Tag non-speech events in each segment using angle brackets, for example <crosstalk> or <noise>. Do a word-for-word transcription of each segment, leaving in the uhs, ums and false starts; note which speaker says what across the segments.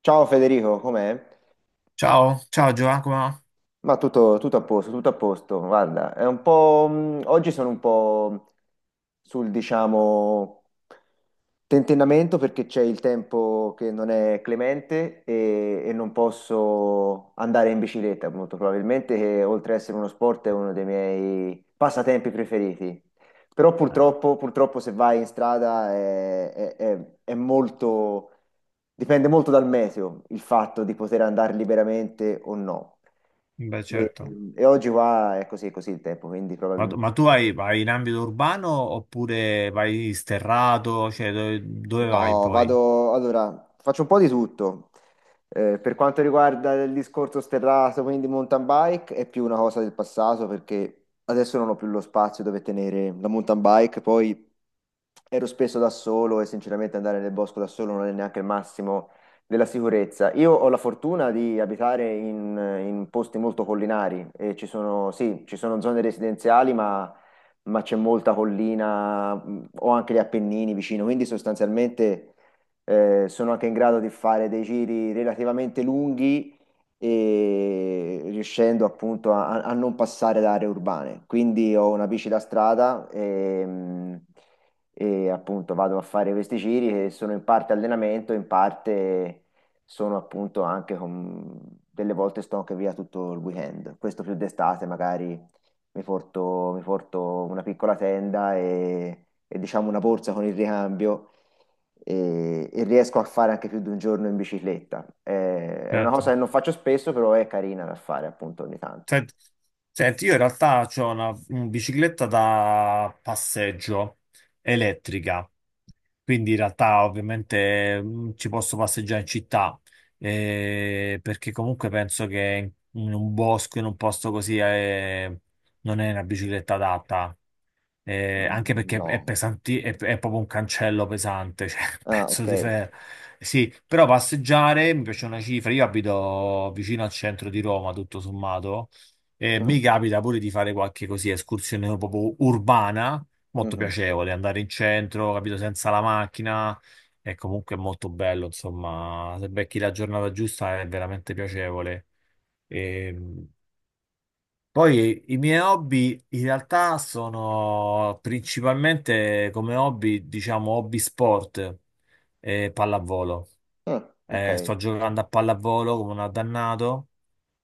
Speaker 1: Ciao Federico, com'è?
Speaker 2: Ciao, ciao Giacomo.
Speaker 1: Ma tutto, tutto a posto, tutto a posto. Guarda, è un po'. mh, Oggi sono un po' sul, diciamo, tentennamento perché c'è il tempo che non è clemente e, e non posso andare in bicicletta, molto probabilmente, che oltre ad essere uno sport è uno dei miei passatempi preferiti. Però
Speaker 2: Eh,
Speaker 1: purtroppo, purtroppo se vai in strada è, è- è- è molto, dipende molto dal meteo il fatto di poter andare liberamente o no.
Speaker 2: Beh,
Speaker 1: E,
Speaker 2: certo.
Speaker 1: e oggi qua è così, è così il tempo, quindi
Speaker 2: Ma, tu ma
Speaker 1: probabilmente.
Speaker 2: tu vai, vai in ambito urbano oppure vai sterrato? Cioè, dove, dove vai
Speaker 1: No,
Speaker 2: poi?
Speaker 1: vado. Allora, faccio un po' di tutto. Eh, per quanto riguarda il discorso sterrato, quindi mountain bike, è più una cosa del passato perché adesso non ho più lo spazio dove tenere la mountain bike, poi ero spesso da solo e sinceramente andare nel bosco da solo non è neanche il massimo della sicurezza. Io ho la fortuna di abitare in, in posti molto collinari e ci sono, sì, ci sono zone residenziali, ma, ma c'è molta collina, mh, ho anche gli Appennini vicino, quindi sostanzialmente eh, sono anche in grado di fare dei giri relativamente lunghi e riuscendo appunto a, a non passare da aree urbane. Quindi ho una bici da strada e, mm, e appunto vado a fare questi giri che sono in parte allenamento, in parte sono appunto anche con. Delle volte sto anche via tutto il weekend, questo più d'estate magari mi porto, mi porto una piccola tenda e, e, diciamo una borsa con il ricambio e, e riesco a fare anche più di un giorno in bicicletta. Eh, È una cosa che
Speaker 2: Certo.
Speaker 1: non faccio spesso, però è carina da fare appunto ogni tanto.
Speaker 2: Senti, senti, io in realtà ho una, un bicicletta da passeggio elettrica, quindi in realtà ovviamente mm, ci posso passeggiare in città, eh, perché comunque penso che in un bosco, in un posto così, eh, non è una bicicletta adatta. Eh, anche
Speaker 1: Mm.
Speaker 2: perché è
Speaker 1: No.
Speaker 2: pesanti, è, è proprio un cancello pesante, cioè <laughs> un
Speaker 1: Ah,
Speaker 2: pezzo
Speaker 1: ok.
Speaker 2: di ferro. Sì, però passeggiare mi piace una cifra. Io abito vicino al centro di Roma, tutto sommato, e mi
Speaker 1: Mm.
Speaker 2: capita pure di fare qualche così escursione proprio urbana, molto
Speaker 1: Mhm.
Speaker 2: piacevole, andare in centro, capito, senza la macchina. È comunque molto bello, insomma, se becchi la giornata giusta è veramente piacevole. Ehm, Poi i miei hobby in realtà sono principalmente come hobby, diciamo, hobby sport e pallavolo.
Speaker 1: Ah,
Speaker 2: Eh,
Speaker 1: ok.
Speaker 2: sto giocando a pallavolo come un addannato,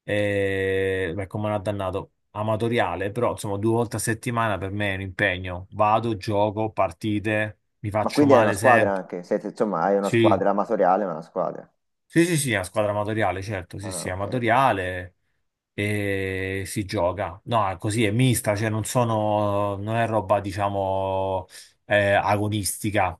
Speaker 2: eh, beh, come un addannato amatoriale, però insomma due volte a settimana per me è un impegno. Vado, gioco, partite, mi
Speaker 1: Ma
Speaker 2: faccio
Speaker 1: quindi hai una
Speaker 2: male
Speaker 1: squadra
Speaker 2: sempre.
Speaker 1: anche? Siete, insomma, hai una
Speaker 2: Sì,
Speaker 1: squadra amatoriale, ma una squadra.
Speaker 2: sì, sì, sì, è una squadra amatoriale, certo, sì,
Speaker 1: Ah,
Speaker 2: sì,
Speaker 1: ok.
Speaker 2: amatoriale. E si gioca. No, è così è mista, cioè non sono, non è roba, diciamo, eh, agonistica,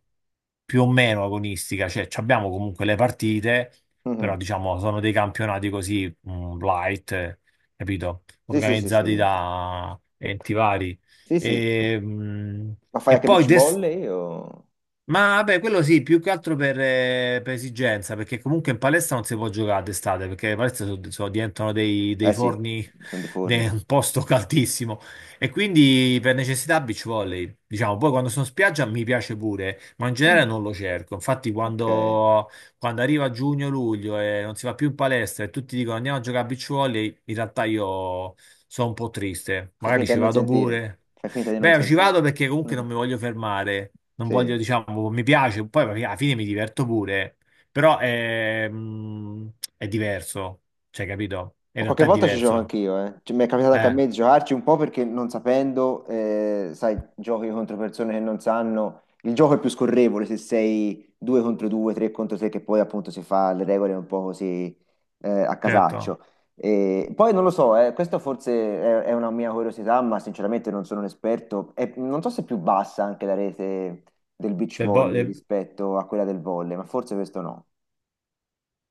Speaker 2: più o meno agonistica, cioè ci abbiamo comunque le partite, però
Speaker 1: Mhm.
Speaker 2: diciamo sono dei campionati così, mm, light, eh, capito?
Speaker 1: Sì, sì, sì,
Speaker 2: Organizzati
Speaker 1: sì.
Speaker 2: da enti vari.
Speaker 1: Sì, sì.
Speaker 2: E, mm,
Speaker 1: Ma fai
Speaker 2: e
Speaker 1: anche
Speaker 2: poi
Speaker 1: beach
Speaker 2: d'estate
Speaker 1: volley o?
Speaker 2: ma vabbè, quello sì, più che altro per, eh, per esigenza, perché comunque in palestra non si può giocare d'estate, perché le palestre so- so- diventano dei, dei
Speaker 1: Eh sì,
Speaker 2: forni,
Speaker 1: sono dei
Speaker 2: de-
Speaker 1: forni.
Speaker 2: un posto caldissimo. E quindi per necessità beach volley, diciamo, poi quando sono in spiaggia mi piace pure, ma in genere
Speaker 1: Mm.
Speaker 2: non lo cerco. Infatti
Speaker 1: Ok,
Speaker 2: quando quando arriva giugno-luglio e non si va più in palestra e tutti dicono andiamo a giocare a beach volley, in realtà io sono un po' triste.
Speaker 1: fai
Speaker 2: Magari
Speaker 1: finta
Speaker 2: ci
Speaker 1: di non
Speaker 2: vado
Speaker 1: sentire,
Speaker 2: pure.
Speaker 1: fai finta di non
Speaker 2: Beh, ci
Speaker 1: sentire.
Speaker 2: vado perché comunque
Speaker 1: <laughs>
Speaker 2: non mi voglio fermare, non
Speaker 1: Sì.
Speaker 2: voglio, diciamo, mi piace, poi alla fine mi diverto pure, però è, mm, è diverso, cioè, capito? In
Speaker 1: Ma qualche
Speaker 2: realtà è
Speaker 1: volta ci gioco
Speaker 2: diverso.
Speaker 1: anch'io, eh. Cioè, mi è capitato anche a
Speaker 2: Eh,
Speaker 1: me di giocarci un po' perché non sapendo, eh, sai, giochi contro persone che non sanno, il gioco è più scorrevole se sei due contro due, tre contro tre, che poi appunto si fa le regole un po' così eh, a
Speaker 2: certo.
Speaker 1: casaccio. E poi non lo so, eh, questo forse è, è una mia curiosità, ma sinceramente non sono un esperto. E non so se è più bassa anche la rete del beach
Speaker 2: Le vo-
Speaker 1: volley
Speaker 2: le-
Speaker 1: rispetto a quella del volley, ma forse questo no.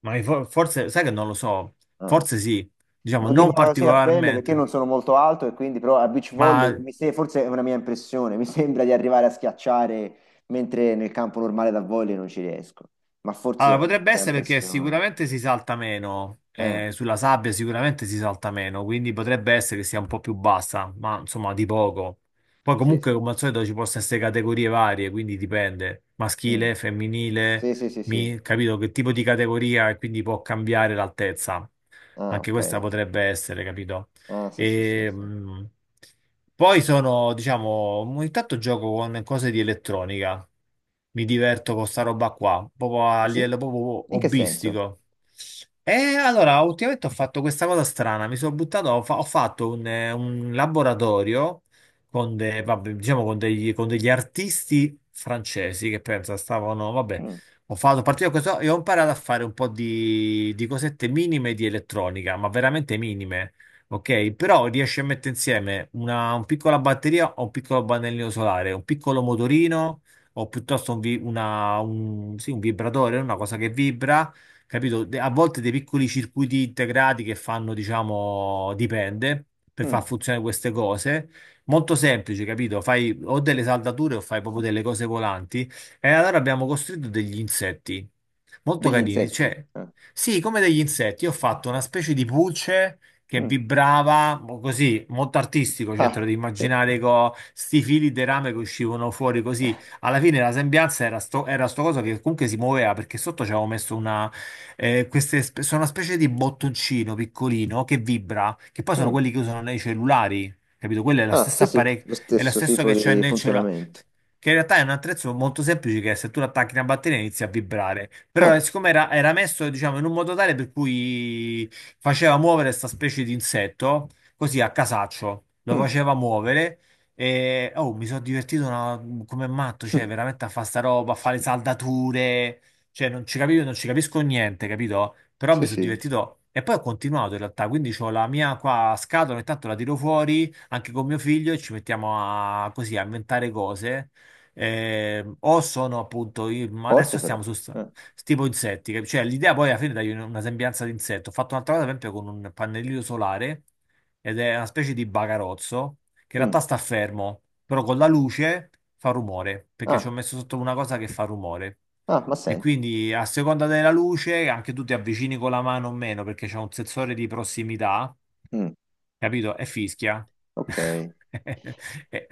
Speaker 2: ma i fo- forse, sai che non lo so,
Speaker 1: Ah.
Speaker 2: forse sì, diciamo,
Speaker 1: Lo dico
Speaker 2: non
Speaker 1: così a pelle perché io non
Speaker 2: particolarmente.
Speaker 1: sono molto alto e quindi però a beach
Speaker 2: Ma
Speaker 1: volley mi se- forse è una mia impressione, mi <laughs> sembra di arrivare a schiacciare mentre nel campo normale da volley non ci riesco, ma forse
Speaker 2: Allora,
Speaker 1: è una
Speaker 2: potrebbe
Speaker 1: mia
Speaker 2: essere perché
Speaker 1: impressione.
Speaker 2: sicuramente si salta meno,
Speaker 1: Ah,
Speaker 2: eh, sulla sabbia sicuramente si salta meno, quindi potrebbe essere che sia un po' più bassa, ma insomma di poco. Poi
Speaker 1: sì,
Speaker 2: comunque
Speaker 1: sì.
Speaker 2: come al solito ci possono essere categorie varie, quindi dipende,
Speaker 1: Mm.
Speaker 2: maschile, femminile,
Speaker 1: Sì, sì, sì, sì.
Speaker 2: mi- capito che tipo di categoria e quindi può cambiare l'altezza.
Speaker 1: Ah,
Speaker 2: Anche questa
Speaker 1: ok.
Speaker 2: potrebbe essere, capito?
Speaker 1: Ah, sì, sì, sì,
Speaker 2: E,
Speaker 1: sì.
Speaker 2: mh, Poi sono, diciamo, ogni tanto gioco con cose di elettronica. Mi diverto con sta roba qua, proprio a
Speaker 1: Ah, sì?
Speaker 2: livello proprio
Speaker 1: In che senso?
Speaker 2: hobbistico. E allora, ultimamente ho fatto questa cosa strana, mi sono buttato, ho, fa- ho fatto un, eh, un laboratorio con, de- vabbè, diciamo con degli, con degli artisti francesi che pensa stavano, vabbè,
Speaker 1: Mm.
Speaker 2: ho fatto partire questo e ho imparato a fare un po' di, di cosette minime di elettronica, ma veramente minime, ok? Però riesci a mettere insieme una, una piccola batteria o un piccolo pannellino solare, un piccolo motorino o piuttosto un, vi- una- un- sì, un vibratore, una cosa che vibra, capito? De- A volte dei piccoli circuiti integrati che fanno, diciamo, dipende per
Speaker 1: Mm.
Speaker 2: far funzionare queste cose. Molto semplice, capito? Fai o delle saldature o fai proprio delle cose volanti. E allora abbiamo costruito degli insetti molto
Speaker 1: Degli
Speaker 2: carini,
Speaker 1: insetti.
Speaker 2: cioè,
Speaker 1: Ah,
Speaker 2: sì, come degli insetti. Io ho fatto una specie di pulce che
Speaker 1: mm,
Speaker 2: vibrava mo- così, molto artistico, cioè te
Speaker 1: ah,
Speaker 2: lo devi
Speaker 1: sì.
Speaker 2: immaginare con sti fili di rame che uscivano fuori così. Alla fine la sembianza era sto, era sto coso che comunque si muoveva perché sotto ci avevo messo una, eh, queste, spe- sono una specie di bottoncino piccolino che vibra, che poi sono
Speaker 1: Mm.
Speaker 2: quelli che usano nei cellulari, capito? Quello è la
Speaker 1: Ah, sì,
Speaker 2: stessa
Speaker 1: sì,
Speaker 2: apparecchio,
Speaker 1: lo
Speaker 2: è lo
Speaker 1: stesso
Speaker 2: stesso
Speaker 1: tipo
Speaker 2: che c'è
Speaker 1: di
Speaker 2: nel cellulare.
Speaker 1: funzionamento.
Speaker 2: Che in realtà è un attrezzo molto semplice che se tu lo attacchi a una batteria inizia a vibrare. Però
Speaker 1: Ah.
Speaker 2: eh, siccome era, era messo, diciamo, in un modo tale per cui faceva muovere questa specie di insetto, così a casaccio, lo
Speaker 1: Mm.
Speaker 2: faceva muovere e oh, mi sono divertito una- come matto, cioè
Speaker 1: <laughs>
Speaker 2: veramente a fare sta roba, a fare saldature, cioè non ci capivo, non ci capisco niente, capito? Però
Speaker 1: Sì,
Speaker 2: mi sono
Speaker 1: sì,
Speaker 2: divertito e poi ho continuato in realtà, quindi ho la mia qua scatola, ogni tanto la tiro fuori anche con mio figlio e ci mettiamo a così a inventare cose, eh, o sono appunto, i- ma adesso
Speaker 1: forte però.
Speaker 2: stiamo su st-
Speaker 1: Ah.
Speaker 2: tipo insetti, cap- cioè l'idea poi alla fine dà una sembianza di insetto. Ho fatto un'altra cosa, per esempio, con un pannellino solare ed è una specie di bagarozzo che in
Speaker 1: Mm.
Speaker 2: realtà sta fermo, però con la luce fa rumore, perché ci ho
Speaker 1: Ah,
Speaker 2: messo sotto una cosa che fa rumore.
Speaker 1: ah, ma
Speaker 2: E
Speaker 1: senti.
Speaker 2: quindi a seconda della luce anche tu ti avvicini con la mano o meno perché c'è un sensore di prossimità,
Speaker 1: Mm.
Speaker 2: capito? E fischia.
Speaker 1: Ok.
Speaker 2: <laughs> E-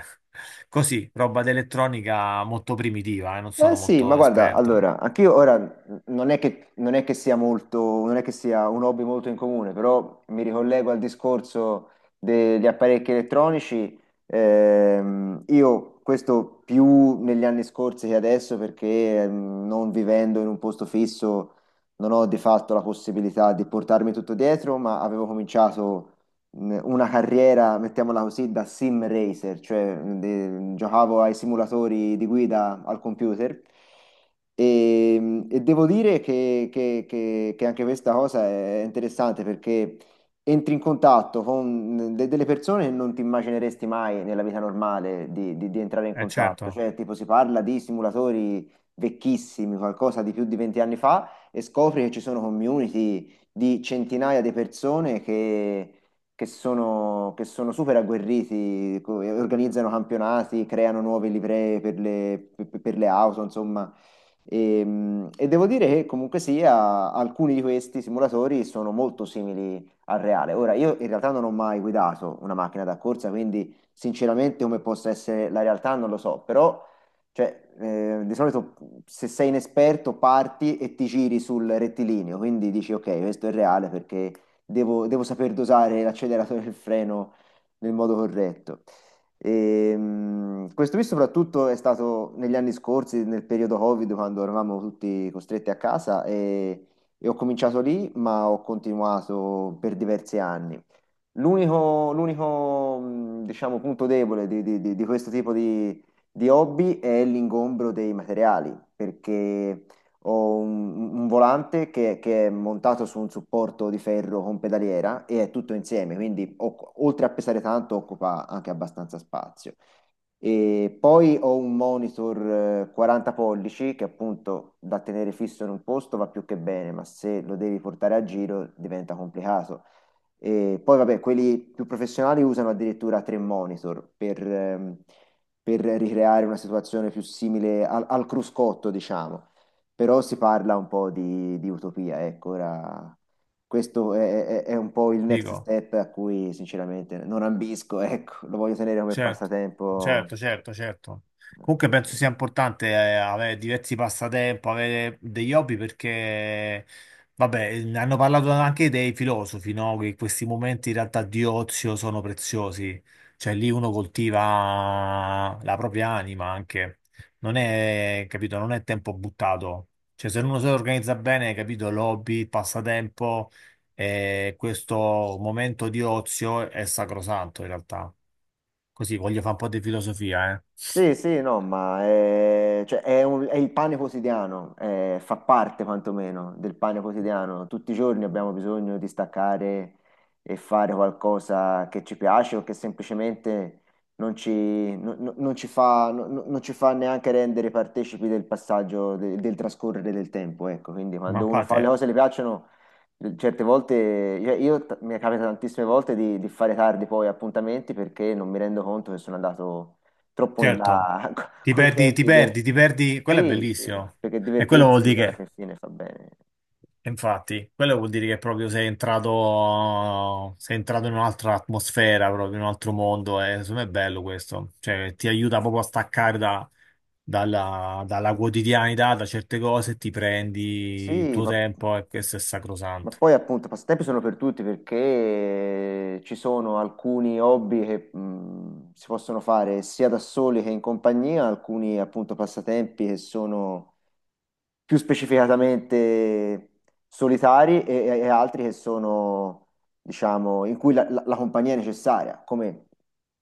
Speaker 2: Così, roba d'elettronica molto primitiva, eh, non
Speaker 1: Eh
Speaker 2: sono
Speaker 1: sì, ma
Speaker 2: molto
Speaker 1: guarda,
Speaker 2: esperto.
Speaker 1: allora, anch'io ora n- non è che, non è che sia molto, non è che sia un hobby molto in comune, però mi ricollego al discorso degli apparecchi elettronici. Ehm, io questo più negli anni scorsi che adesso, perché ehm, non vivendo in un posto fisso non ho di fatto la possibilità di portarmi tutto dietro, ma avevo cominciato. mh, una carriera, mettiamola così, da sim racer, cioè mh, de- giocavo ai simulatori di guida al computer e, mh, e devo dire che, che- che- che anche questa cosa è interessante perché entri in contatto con de- delle persone che non ti immagineresti mai nella vita normale di, di- di entrare in
Speaker 2: E certo,
Speaker 1: contatto, cioè tipo si parla di simulatori vecchissimi, qualcosa di più di venti anni fa e scopri che ci sono community di centinaia di persone che sono, che sono super agguerriti, co- e organizzano campionati, creano nuove livree per le, per- per le auto, insomma. E, mh, e devo dire che comunque sia, alcuni di questi simulatori sono molto simili al reale. Ora, io in realtà non ho mai guidato una macchina da corsa, quindi sinceramente come possa essere la realtà non lo so, però cioè, eh, di solito se sei inesperto parti e ti giri sul rettilineo, quindi dici ok, questo è reale perché devo, devo saper dosare l'acceleratore e il freno nel modo corretto. Ehm, questo qui soprattutto è stato negli anni scorsi, nel periodo Covid, quando eravamo tutti costretti a casa e, e ho cominciato lì, ma ho continuato per diversi anni. L'unico, l'unico, mh, diciamo, punto debole di, di- di- di questo tipo di, di hobby è l'ingombro dei materiali, perché ho un, un volante che, che è montato su un supporto di ferro con pedaliera e è tutto insieme, quindi oc- oltre a pesare tanto occupa anche abbastanza spazio. E poi ho un monitor eh, quaranta pollici che appunto da tenere fisso in un posto va più che bene, ma se lo devi portare a giro diventa complicato. E poi, vabbè, quelli più professionali usano addirittura tre monitor per, ehm, per ricreare una situazione più simile al, al cruscotto, diciamo. Però si parla un po' di, di utopia, ecco, ora questo è, è- è un po' il next
Speaker 2: dico.
Speaker 1: step a cui sinceramente non ambisco, <laughs> ecco, lo voglio tenere come
Speaker 2: Certo,
Speaker 1: passatempo.
Speaker 2: certo, certo, certo. Comunque penso
Speaker 1: Così.
Speaker 2: sia importante eh, avere diversi passatempo, avere degli hobby perché, vabbè, ne hanno parlato anche dei filosofi, no? Che questi momenti in realtà di ozio sono preziosi, cioè lì uno coltiva la propria anima anche, non è, capito, non è tempo buttato. Cioè se uno si organizza bene, capito, l'hobby, il passatempo, eh, questo momento di ozio è sacrosanto in realtà. Così voglio fare un po' di filosofia, eh.
Speaker 1: Sì, sì, no, ma è, cioè, è un- è il pane quotidiano, eh, fa parte quantomeno del pane quotidiano. Tutti i giorni abbiamo bisogno di staccare e fare qualcosa che ci piace o che semplicemente non ci, no- no- non ci fa, no- no- non ci fa neanche rendere partecipi del passaggio, de- del trascorrere del tempo. Ecco, quindi
Speaker 2: Ma
Speaker 1: quando uno fa le
Speaker 2: fate,
Speaker 1: cose che le piacciono, eh, certe volte, io, io t- mi capita tantissime volte di, di fare tardi poi appuntamenti perché non mi rendo conto che sono andato troppo in
Speaker 2: certo,
Speaker 1: là <laughs>
Speaker 2: ti
Speaker 1: con i
Speaker 2: perdi, ti
Speaker 1: tempi dei.
Speaker 2: perdi, ti perdi, quello è
Speaker 1: Sì, sì,
Speaker 2: bellissimo.
Speaker 1: perché
Speaker 2: E quello vuol
Speaker 1: divertirsi
Speaker 2: dire
Speaker 1: alla
Speaker 2: che,
Speaker 1: fin fine fa bene.
Speaker 2: e infatti, Quello vuol dire che proprio sei entrato, sei entrato in un'altra atmosfera, proprio in un altro mondo, e secondo me è bello questo. Cioè, ti aiuta proprio a staccare da- dalla, dalla quotidianità, da certe cose, ti prendi il
Speaker 1: Sì,
Speaker 2: tuo
Speaker 1: ma,
Speaker 2: tempo e questo è
Speaker 1: ma
Speaker 2: sacrosanto.
Speaker 1: poi appunto i passatempi sono per tutti perché ci sono alcuni hobby che mh, si possono fare sia da soli che in compagnia, alcuni appunto passatempi che sono più specificatamente solitari e, e- e altri che sono, diciamo, in cui la, la- la compagnia è necessaria, come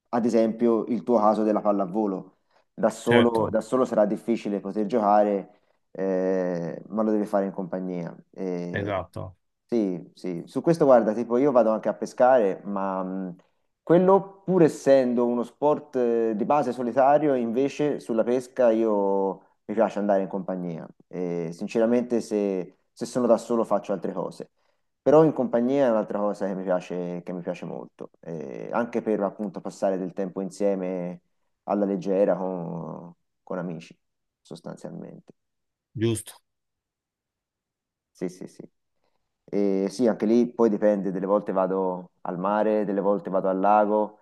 Speaker 1: ad esempio il tuo caso della pallavolo. Da solo,
Speaker 2: Certo,
Speaker 1: da solo sarà difficile poter giocare, eh, ma lo devi fare in compagnia. E
Speaker 2: esatto,
Speaker 1: sì, sì, su questo guarda, tipo io vado anche a pescare, ma mh, quello, pur essendo uno sport eh, di base solitario, invece sulla pesca io mi piace andare in compagnia. E, sinceramente, se, se sono da solo faccio altre cose. Però in compagnia è un'altra cosa che mi piace, che mi piace molto, e anche per appunto passare del tempo insieme alla leggera con, con amici, sostanzialmente.
Speaker 2: giusto.
Speaker 1: Sì, sì, sì. E sì, anche lì poi dipende, delle volte vado al mare, delle volte vado al lago.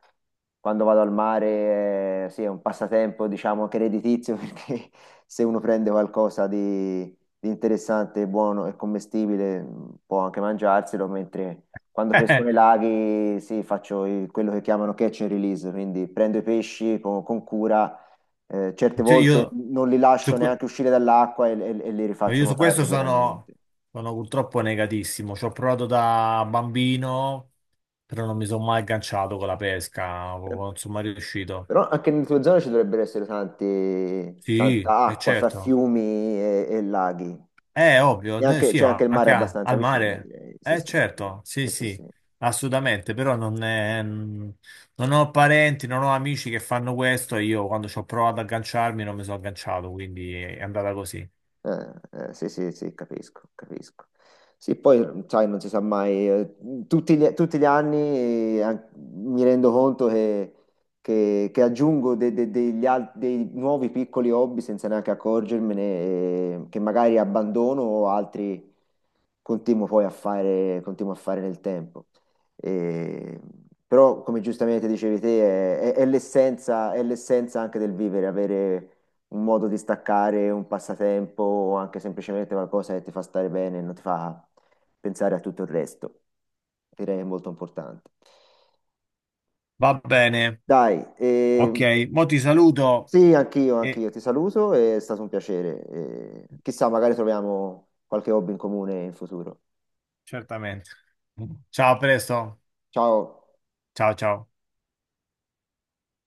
Speaker 1: Quando vado al mare, eh, sì, è un passatempo, diciamo, anche redditizio, <laughs> perché se uno prende qualcosa di, di interessante, buono e commestibile, mh, può anche mangiarselo, mentre quando pesco nei
Speaker 2: <laughs>
Speaker 1: laghi, sì, faccio il- quello che chiamano catch and release, quindi prendo i pesci con, con cura, eh, certe
Speaker 2: Cioè,
Speaker 1: volte
Speaker 2: io...
Speaker 1: non li
Speaker 2: su
Speaker 1: lascio
Speaker 2: que-
Speaker 1: neanche uscire dall'acqua e, e e li
Speaker 2: No,
Speaker 1: rifaccio
Speaker 2: io su
Speaker 1: nuotare
Speaker 2: questo sono,
Speaker 1: liberamente.
Speaker 2: sono purtroppo negatissimo. Ci ho provato da bambino, però non mi sono mai agganciato con la pesca, proprio non sono mai riuscito.
Speaker 1: Però anche nelle tue zone ci dovrebbero essere tanti,
Speaker 2: Sì,
Speaker 1: tanta
Speaker 2: è
Speaker 1: acqua fra
Speaker 2: certo.
Speaker 1: fiumi e, e laghi.
Speaker 2: È ovvio,
Speaker 1: E
Speaker 2: eh,
Speaker 1: anche-
Speaker 2: sì,
Speaker 1: c'è anche
Speaker 2: ma
Speaker 1: il mare
Speaker 2: anche a-
Speaker 1: abbastanza
Speaker 2: al
Speaker 1: vicino,
Speaker 2: mare.
Speaker 1: direi. Sì,
Speaker 2: È
Speaker 1: sì.
Speaker 2: certo,
Speaker 1: Sì,
Speaker 2: sì,
Speaker 1: sì,
Speaker 2: sì,
Speaker 1: sì.
Speaker 2: assolutamente, però non è- mm, non ho parenti, non ho amici che fanno questo e io quando ci ho provato ad agganciarmi non mi sono agganciato, quindi è andata così.
Speaker 1: Eh, eh, sì, sì, sì, capisco, capisco. Sì, poi, sai, non si sa mai, eh, tutti gli, tutti gli anni eh, an- mi rendo conto che, che- che aggiungo de- de- degli al- dei nuovi piccoli hobby senza neanche accorgermene, eh, che magari abbandono o altri continuo poi a fare, continuo a fare nel tempo. Eh, Però, come giustamente dicevi te, è, è- è l'essenza, è l'essenza anche del vivere, avere un modo di staccare, un passatempo o anche semplicemente qualcosa che ti fa stare bene e non ti fa pensare a tutto il resto. Direi che è molto importante.
Speaker 2: Va bene,
Speaker 1: Dai, eh,
Speaker 2: ok, mo ti saluto
Speaker 1: sì, anch'io,
Speaker 2: e
Speaker 1: anch'io ti saluto, è stato un piacere. eh, chissà, magari troviamo qualche hobby in comune in futuro.
Speaker 2: certamente. Ciao, a presto.
Speaker 1: Ciao.
Speaker 2: Ciao, ciao.